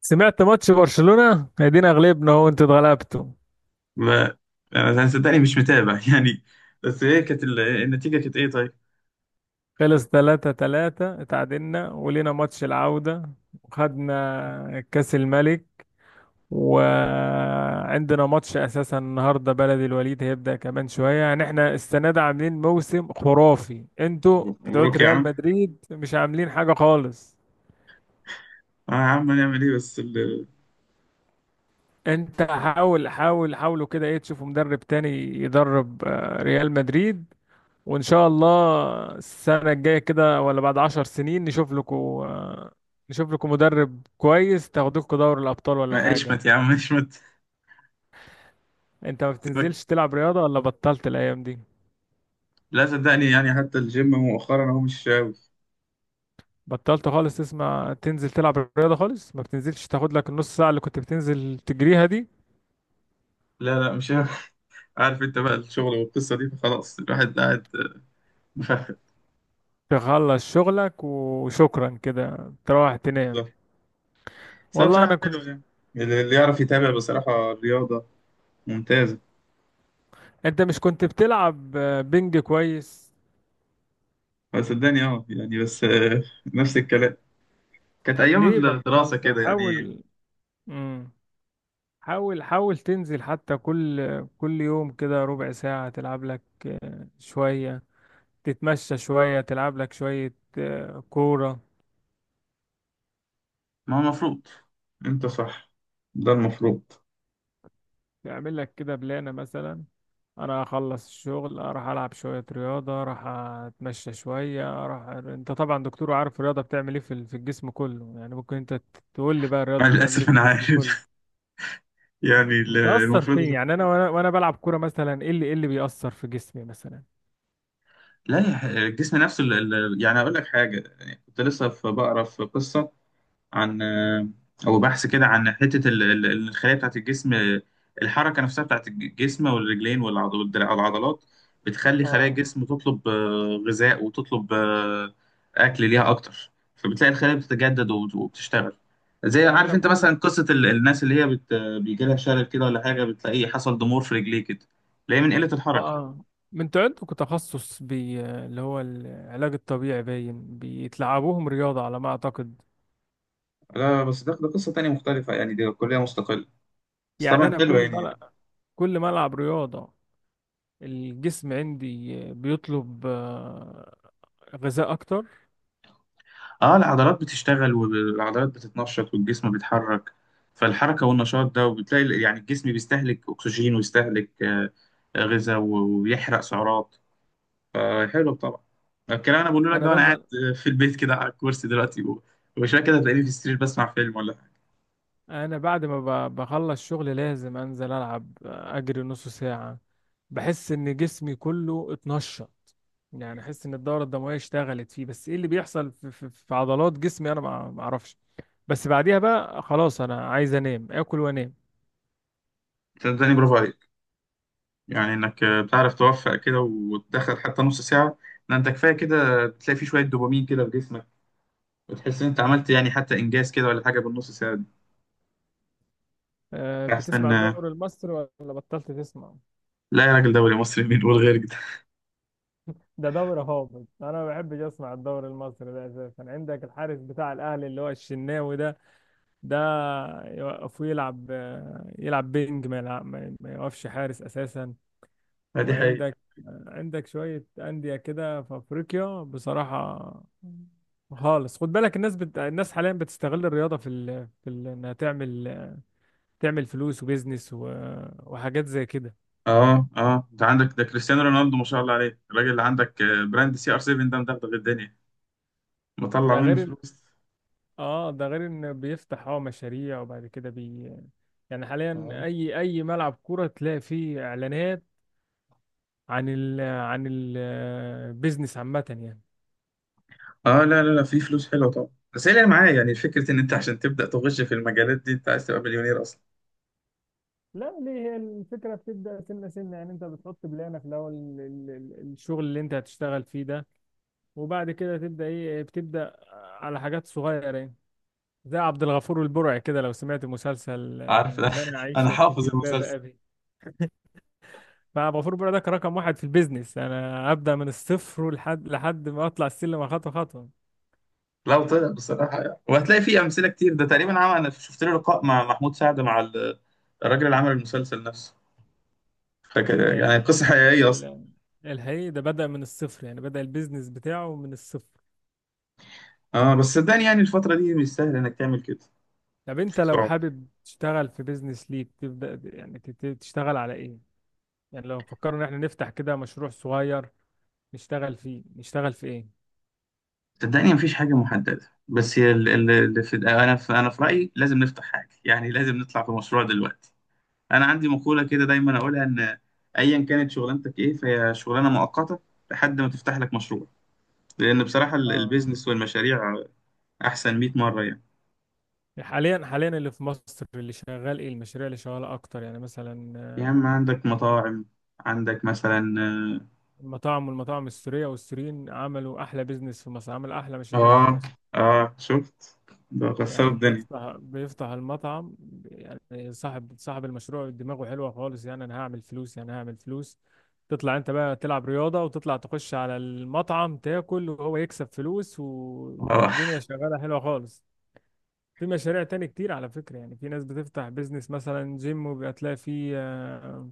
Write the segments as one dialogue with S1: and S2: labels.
S1: سمعت ماتش برشلونة، ادينا غلبنا اهو، انتوا اتغلبتوا.
S2: ما انا صدقني مش متابع يعني. بس ايه كانت النتيجه؟ كانت ايه؟ طيب،
S1: خلص، 3-3 اتعادلنا ولينا ماتش العودة، وخدنا كأس الملك. وعندنا ماتش اساسا النهارده بلدي الوليد هيبدأ كمان شوية. يعني احنا السنة دي عاملين موسم خرافي، انتوا بتوع
S2: مبروك يا
S1: ريال
S2: عم.
S1: مدريد مش عاملين حاجة خالص.
S2: اه يا عم، هنعمل ايه؟ بس
S1: انت حاول حاول حاولوا كده ايه، تشوفوا مدرب تاني يدرب ريال مدريد. وإن شاء الله السنة الجاية كده، ولا بعد 10 سنين نشوف لكم مدرب كويس تاخدوكوا دوري الأبطال ولا
S2: ما
S1: حاجة.
S2: اشمت يا عم اشمت.
S1: أنت ما
S2: سيبك،
S1: بتنزلش تلعب رياضة، ولا بطلت الأيام دي؟
S2: لا صدقني يعني حتى الجيم مؤخرا هو مش شاوي.
S1: بطلت خالص تسمع تنزل تلعب رياضة خالص؟ ما بتنزلش تاخد لك النص ساعة اللي كنت بتنزل تجريها دي؟
S2: لا، لا مش شاوي. عارف انت بقى الشغل والقصه دي، فخلاص الواحد قاعد مفخد
S1: تخلص شغلك وشكرا كده تروح تنام.
S2: بالظبط. بس هو
S1: والله أنا
S2: بصراحه
S1: كنت.
S2: حلو يعني، اللي يعرف يتابع بصراحه الرياضه ممتازه.
S1: أنت مش كنت بتلعب بنج كويس؟
S2: بس صدقني اه يعني بس نفس الكلام. كانت
S1: طب ليه
S2: ايام الدراسه
S1: بطلت؟
S2: كده يعني.
S1: حاول مم. حاول حاول تنزل، حتى كل يوم كده ربع ساعة تلعب لك شوية، تتمشى شوية، تلعب لك شوية كورة.
S2: ما هو المفروض، انت صح، ده المفروض.
S1: تعمل لك كده بلانة مثلا. انا اخلص الشغل، اروح العب شوية رياضة، اروح اتمشى شوية، اروح. انت طبعا دكتور، عارف الرياضة بتعمل ايه في في الجسم كله. يعني ممكن انت تقول لي بقى
S2: مع
S1: الرياضة بتعمل ايه
S2: الاسف
S1: في
S2: انا
S1: الجسم
S2: عارف
S1: كله،
S2: يعني
S1: بتأثر
S2: المفروض.
S1: فين؟ يعني انا وانا وانا بلعب كورة مثلا، ايه اللي بيأثر في جسمي مثلا.
S2: لا يا ح- الجسم نفسه يعني اقول لك حاجه، يعني كنت لسه في بقرا في قصه عن، او بحث كده، عن حته الخلايا بتاعت الجسم. الحركه نفسها بتاعت الجسم والرجلين والعضلات بتخلي خلايا
S1: اه.
S2: الجسم تطلب غذاء، وتطلب اكل ليها اكتر. فبتلاقي الخلايا بتتجدد وبتشتغل. زي
S1: يعني
S2: عارف
S1: انا
S2: انت
S1: كل
S2: مثلا قصه الناس اللي هي بيجي لها شلل كده ولا حاجه، بتلاقيه حصل ضمور في رجليه كده، تلاقيه من قله
S1: اه
S2: الحركه.
S1: آه. من انتوا عندكم تخصص اللي هو العلاج الطبيعي، باين بيتلعبوهم رياضة على ما اعتقد.
S2: لا بس ده قصه تانية مختلفه يعني، دي كليه مستقله بس
S1: يعني
S2: طبعا
S1: انا
S2: حلوه يعني.
S1: كل ما العب رياضة، الجسم عندي بيطلب غذاء اكتر.
S2: اه العضلات بتشتغل، والعضلات بتتنشط، والجسم بيتحرك. فالحركة والنشاط ده، وبتلاقي يعني الجسم بيستهلك أكسجين ويستهلك غذاء ويحرق سعرات. فحلو طبعا. الكلام أنا بقوله لك
S1: انا
S2: ده وأنا قاعد
S1: بنزل
S2: في البيت كده على الكرسي دلوقتي وشوية كده هتلاقيني في السرير بسمع فيلم ولا حاجة.
S1: انا بعد ما بخلص شغل لازم انزل العب اجري نص ساعة. بحس ان جسمي كله اتنشط، يعني احس ان الدورة الدموية اشتغلت فيه. بس ايه اللي بيحصل في عضلات جسمي انا ما اعرفش. بس بعديها بقى خلاص انا عايز انام، اكل وانام.
S2: صدقني برافو عليك، يعني إنك بتعرف توفق كده وتدخل حتى نص ساعة. ده أنت كفاية كده، بتلاقي فيه شوية دوبامين كده في جسمك، وتحس إن أنت عملت يعني حتى إنجاز كده ولا حاجة بالنص ساعة دي. أحسن.
S1: بتسمع الدوري المصري ولا بطلت تسمع؟
S2: لا يا راجل، دوري مصري مين يقول غير كده؟
S1: ده دوري هابط، انا ما بحبش اسمع الدوري المصري ده اساسا. عندك الحارس بتاع الاهلي اللي هو الشناوي ده، ده يوقفوه يلعب يلعب بينج، ما يلعب ما يوقفش حارس اساسا.
S2: دي حقيقة.
S1: وعندك شويه انديه كده في افريقيا بصراحه خالص. خد بالك الناس حاليا بتستغل الرياضه انها تعمل فلوس وبيزنس و... وحاجات زي كده.
S2: اه اه، انت عندك ده كريستيانو رونالدو، ما شاء الله عليه الراجل، اللي عندك براند سي ار 7 ده مدغدغ الدنيا، مطلع
S1: ده
S2: منه
S1: غير إن-
S2: فلوس.
S1: اه ده غير ان بيفتح مشاريع، وبعد كده. يعني حاليا
S2: اه
S1: اي ملعب كورة تلاقي فيه اعلانات عن عن البيزنس عامة يعني.
S2: اه. لا لا لا في فلوس حلوه طبعا، بس هي اللي معايا يعني فكره ان انت عشان تبدا تغش في المجالات دي، انت عايز تبقى مليونير اصلا.
S1: لا ليه، هي الفكرة بتبدأ سنة سنة، يعني انت بتحط بلانك الأول، الشغل اللي انت هتشتغل فيه ده. وبعد كده تبدأ ايه؟ بتبدأ على حاجات صغيرة يعني. زي عبد الغفور البرعي كده، لو سمعت مسلسل
S2: عارف ده
S1: لا انا
S2: انا
S1: عايشة في
S2: حافظ
S1: جلباب
S2: المسلسل.
S1: ابي، مع غفور، برادك رقم واحد في البيزنس. انا ابدا من الصفر لحد ما اطلع السلم خطوه خطوه.
S2: لو طلع بصراحه يعني. وهتلاقي فيه امثله كتير. ده تقريبا عمل، انا شفت له لقاء مع محمود سعد، مع الراجل اللي عمل المسلسل نفسه، فكان
S1: آه،
S2: يعني قصه حقيقيه.
S1: ال- الحقيقي ده بدا من الصفر، يعني بدا البيزنس بتاعه من الصفر.
S2: اه بس صدقني يعني الفترة دي مش سهل انك تعمل كده.
S1: طب انت لو
S2: صعب.
S1: حابب تشتغل في بيزنس ليك تبدا، يعني تشتغل على ايه؟ يعني لو فكرنا ان احنا نفتح كده مشروع صغير، نشتغل فيه، نشتغل في ايه؟
S2: صدقني مفيش حاجة محددة، بس هي اللي في انا في رأيي لازم نفتح حاجة، يعني لازم نطلع في مشروع دلوقتي. انا عندي مقولة كده دايما اقولها، ان ايا كانت شغلانتك ايه فهي شغلانة مؤقتة لحد ما تفتح لك مشروع، لان بصراحة
S1: اه،
S2: البيزنس والمشاريع احسن 100 مرة يعني.
S1: حاليا اللي في مصر اللي شغال ايه، المشاريع اللي شغاله اكتر، يعني مثلا
S2: يا عم عندك مطاعم، عندك مثلا.
S1: المطاعم، والمطاعم السورية، والسوريين عملوا أحلى بيزنس في مصر، عمل أحلى مشاريع في
S2: اه
S1: مصر.
S2: اه شفت، ده كسر
S1: يعني
S2: الدنيا.
S1: بيفتح المطعم، يعني صاحب المشروع دماغه حلوة خالص. يعني أنا هعمل فلوس، يعني هعمل فلوس. تطلع أنت بقى تلعب رياضة، وتطلع تخش على المطعم تاكل، وهو يكسب فلوس.
S2: اه
S1: والدنيا شغالة حلوة خالص. في مشاريع تاني كتير على فكرة. يعني في ناس بتفتح بيزنس مثلا جيم، وبيبقى تلاقي فيه آه،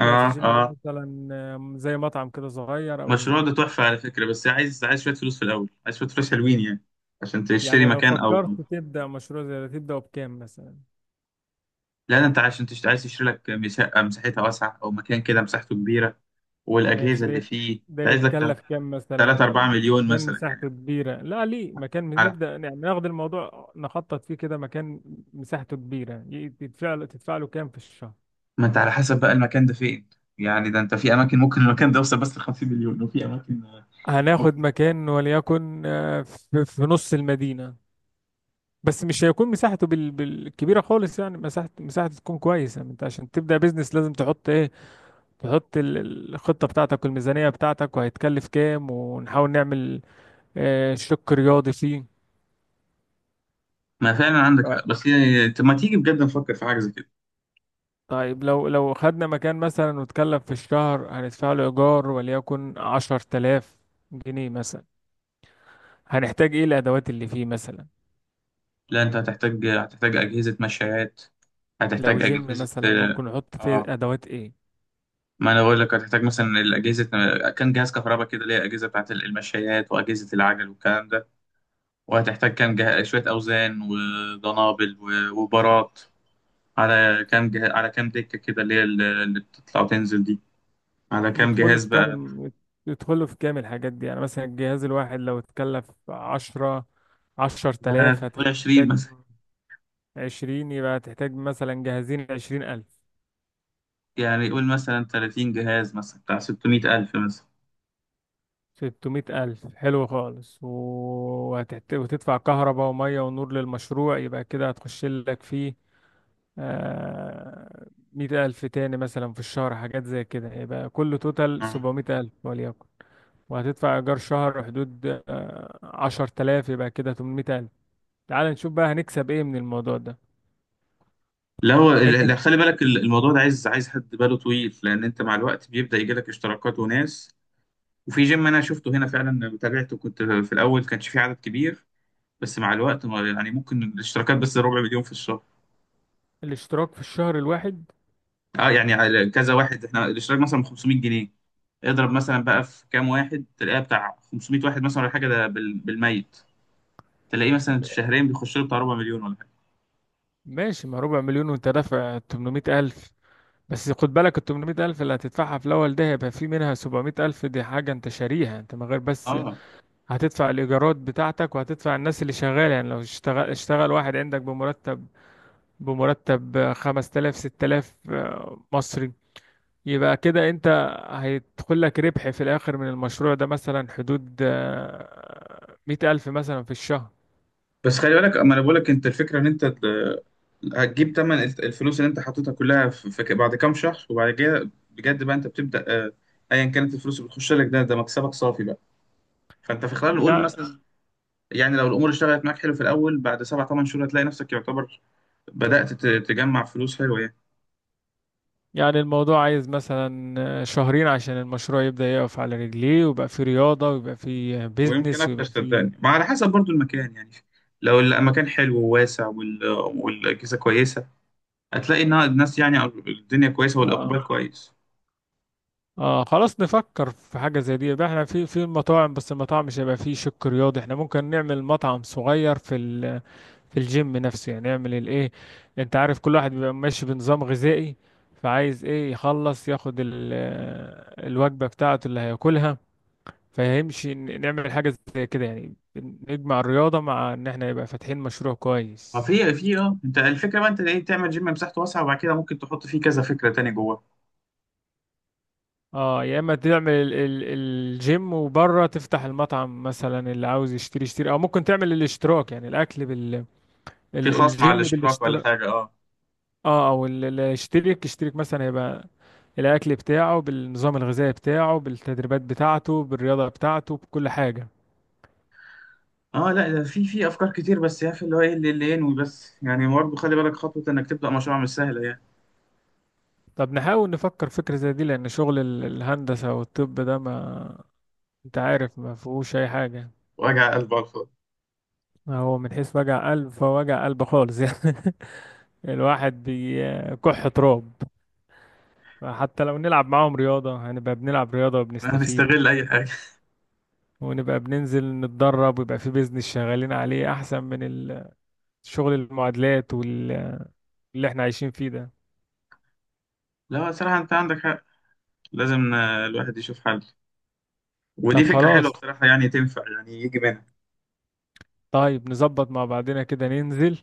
S1: تلاقي في الجيم ده
S2: اه
S1: مثلا زي مطعم كده صغير أو.
S2: المشروع ده تحفة على فكرة، بس عايز، عايز شوية فلوس في الأول، عايز شوية فلوس حلوين يعني عشان تشتري
S1: يعني لو
S2: مكان أو.
S1: فكرت تبدأ مشروع زي ده، تبدأ بكام مثلا؟
S2: لا ده أنت عايز تشتري لك شقة مساحتها واسعة، أو مكان كده مساحته كبيرة،
S1: ماشي،
S2: والأجهزة اللي فيه
S1: ده
S2: أنت عايز لك.
S1: يتكلف كام مثلا؟
S2: 3 4 مليون
S1: مكان
S2: مثلا يعني.
S1: مساحته كبيرة؟ لا ليه، مكان
S2: على.
S1: نبدأ، يعني ناخد الموضوع نخطط فيه كده. مكان مساحته كبيرة، يدفع له تدفع له كام في الشهر؟
S2: ما أنت على حسب بقى المكان ده فين، يعني ده أنت في أماكن ممكن المكان ده يوصل بس ل 50 مليون، وفي أماكن
S1: هناخد
S2: ممكن.
S1: مكان وليكن في نص المدينة، بس مش هيكون مساحته بالكبيرة خالص يعني، مساحته تكون كويسة. انت عشان تبدأ بيزنس لازم تحط ايه؟ تحط الخطة بتاعتك والميزانية بتاعتك، وهيتكلف كام، ونحاول نعمل شق رياضي فيه.
S2: ما فعلا عندك
S1: آه،
S2: حق، بس يعني أنت ما تيجي بجد نفكر في حاجة زي كده.
S1: طيب لو خدنا مكان مثلا، واتكلم في الشهر هندفع له إيجار وليكن 10 تلاف جنيه مثلا. هنحتاج إيه الأدوات اللي فيه مثلا؟
S2: لا أنت هتحتاج أجهزة مشايات،
S1: لو
S2: هتحتاج
S1: جيم
S2: أجهزة.
S1: مثلا، ممكن نحط فيه
S2: آه
S1: أدوات إيه؟
S2: ما انا بقول لك هتحتاج مثلا الاجهزه، كان جهاز كهرباء كده، اللي هي اجهزه بتاعت المشايات واجهزه العجل والكلام ده. وهتحتاج كام شويه اوزان ودنابل وبارات، على كام على كام دكه كده اللي هي اللي بتطلع وتنزل دي، على كام
S1: يدخله
S2: جهاز
S1: في
S2: بقى.
S1: كامل يدخله في كامل الحاجات دي. يعني مثلا الجهاز الواحد لو اتكلف عشر
S2: لا لا
S1: تلاف
S2: قول 20
S1: هتحتاج
S2: مثلا.
S1: 20، يبقى هتحتاج مثلا جهازين 20 ألف.
S2: يعني قول مثلا 30 جهاز مثلا بتاع 600,000 مثلا.
S1: 600 ألف حلو خالص. وتدفع كهرباء ومية ونور للمشروع، يبقى كده هتخش لك فيه 100 ألف تاني مثلا في الشهر، حاجات زي كده. يبقى كله توتال
S2: آه.
S1: 700 ألف وليكن. وهتدفع إيجار شهر حدود 10 تلاف، يبقى كده 800 ألف. تعال نشوف بقى هنكسب إيه من الموضوع ده.
S2: لا هو
S1: أنت
S2: لا،
S1: ك-
S2: خلي بالك الموضوع ده عايز، عايز حد باله طويل، لان انت مع الوقت بيبدا يجي لك اشتراكات وناس. وفي جيم انا شفته هنا فعلا تابعته، كنت في الاول كانش في عدد كبير، بس مع الوقت يعني ممكن الاشتراكات بس ربع مليون في الشهر.
S1: الاشتراك في الشهر الواحد؟
S2: اه يعني على كذا واحد، احنا الاشتراك مثلا ب 500 جنيه، اضرب مثلا بقى في كام واحد، تلاقيها بتاع 500 واحد مثلا ولا حاجه، ده بالميت تلاقيه مثلا في شهرين بيخش له بتاع ربع مليون ولا حاجه.
S1: ماشي، ما ربع مليون وأنت دافع 800 ألف. بس خد بالك ال 800000 اللي هتدفعها في الأول ده، هيبقى في منها 700000 دي حاجة أنت شاريها. أنت من غير بس
S2: اه
S1: هتدفع الإيجارات بتاعتك، وهتدفع الناس اللي شغالة. يعني لو اشتغل واحد عندك بمرتب، 5000 6000 مصري، يبقى كده أنت هيدخل لك ربح في الآخر من المشروع ده، مثلا حدود 100000 مثلا في الشهر
S2: بس خلي بالك، اما انا بقول لك انت الفكره ان انت هتجيب تمن الفلوس اللي انت حطيتها كلها في بعد كام شهر، وبعد كده بجد بقى انت بتبدا ايا كانت الفلوس اللي بتخش لك ده، ده مكسبك صافي بقى. فانت في خلال، نقول
S1: يعني
S2: مثلا يعني لو الامور اشتغلت معاك حلو في الاول، بعد سبع ثمان شهور هتلاقي نفسك يعتبر بدات تجمع فلوس حلوه يعني.
S1: يعني الموضوع عايز مثلا شهرين عشان المشروع يبدأ يقف على رجليه، ويبقى فيه رياضة، ويبقى فيه
S2: ويمكن
S1: بيزنس،
S2: اكتر
S1: ويبقى
S2: صدقني،
S1: فيه.
S2: ما على حسب برضو المكان يعني، لو المكان حلو وواسع والاجهزه كويسه، هتلاقي ان الناس يعني أو الدنيا كويسه
S1: اه
S2: والاقبال كويس.
S1: اه، خلاص نفكر في حاجة زي دي. يبقى احنا في مطاعم، بس المطاعم مش هيبقى فيه شق رياضي. احنا ممكن نعمل مطعم صغير في الجيم نفسه، يعني نعمل الايه، انت عارف كل واحد بيبقى ماشي بنظام غذائي، فعايز ايه يخلص ياخد الوجبة بتاعته اللي هياكلها. فهمش. نعمل حاجة زي كده يعني، نجمع الرياضة مع ان احنا يبقى فاتحين مشروع
S2: ما
S1: كويس.
S2: في في اه انت الفكره بقى انت ايه، تعمل جيم مساحته واسعه وبعد كده ممكن تحط فيه كذا فكره تاني جواه.
S1: اه، يا اما تعمل ال ال الجيم وبره تفتح المطعم، مثلا اللي عاوز يشتري يشتري، او ممكن تعمل الاشتراك، يعني الاكل بال
S2: في
S1: ال
S2: خاص مع
S1: الجيم
S2: الاشتراك ولا
S1: بالاشتراك.
S2: حاجه، اه
S1: اه، او اللي يشترك يشترك مثلا، يبقى الاكل بتاعه بالنظام الغذائي بتاعه، بالتدريبات بتاعته، بالرياضة بتاعته، بكل حاجة.
S2: اه. لا ده في في افكار كتير، بس يا اخي اللي هو ايه اللي ينوي، بس يعني برضه خلي بالك خطوه انك تبدا مشروع مش سهله يعني.
S1: طب نحاول نفكر فكرة زي دي، لان شغل الهندسة والطب ده، ما انت عارف ما فيهوش اي حاجة.
S2: وجع قلب على الفاضي.
S1: هو من حيث وجع قلب فوجع قلب خالص يعني. الواحد بيكح تراب. فحتى لو نلعب معاهم رياضة هنبقى بنلعب رياضة وبنستفيد،
S2: هنستغل اي حاجه.
S1: ونبقى بننزل نتدرب، ويبقى في بيزنس شغالين عليه، أحسن من شغل المعادلات واللي احنا عايشين فيه ده.
S2: لا صراحه انت عندك حق، لازم الواحد يشوف حل، ودي
S1: طب
S2: فكره حلوه
S1: خلاص.
S2: بصراحه يعني، تنفع يعني يجي منها.
S1: طيب نظبط مع بعضنا كده، ننزل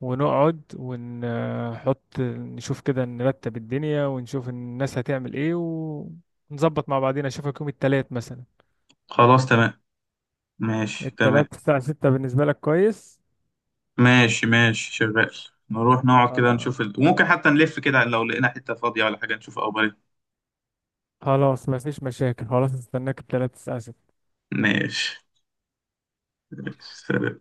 S1: ونقعد ونحط، نشوف كده نرتب الدنيا ونشوف الناس هتعمل ايه. ونظبط مع بعضنا، اشوفك يوم التلات مثلا،
S2: خلاص تمام. ماشي تمام.
S1: التلاتة الساعة ستة، بالنسبة لك كويس؟
S2: ماشي ماشي شغال. نروح نقعد كده
S1: اه
S2: نشوف وممكن حتى نلف كده لو لقينا حته فاضيه ولا حاجه، نشوف اخبار إيه.
S1: خلاص، مفيش مشاكل، خلاص استناك التلاتة الساعة ستة.
S2: ماشي. سلام.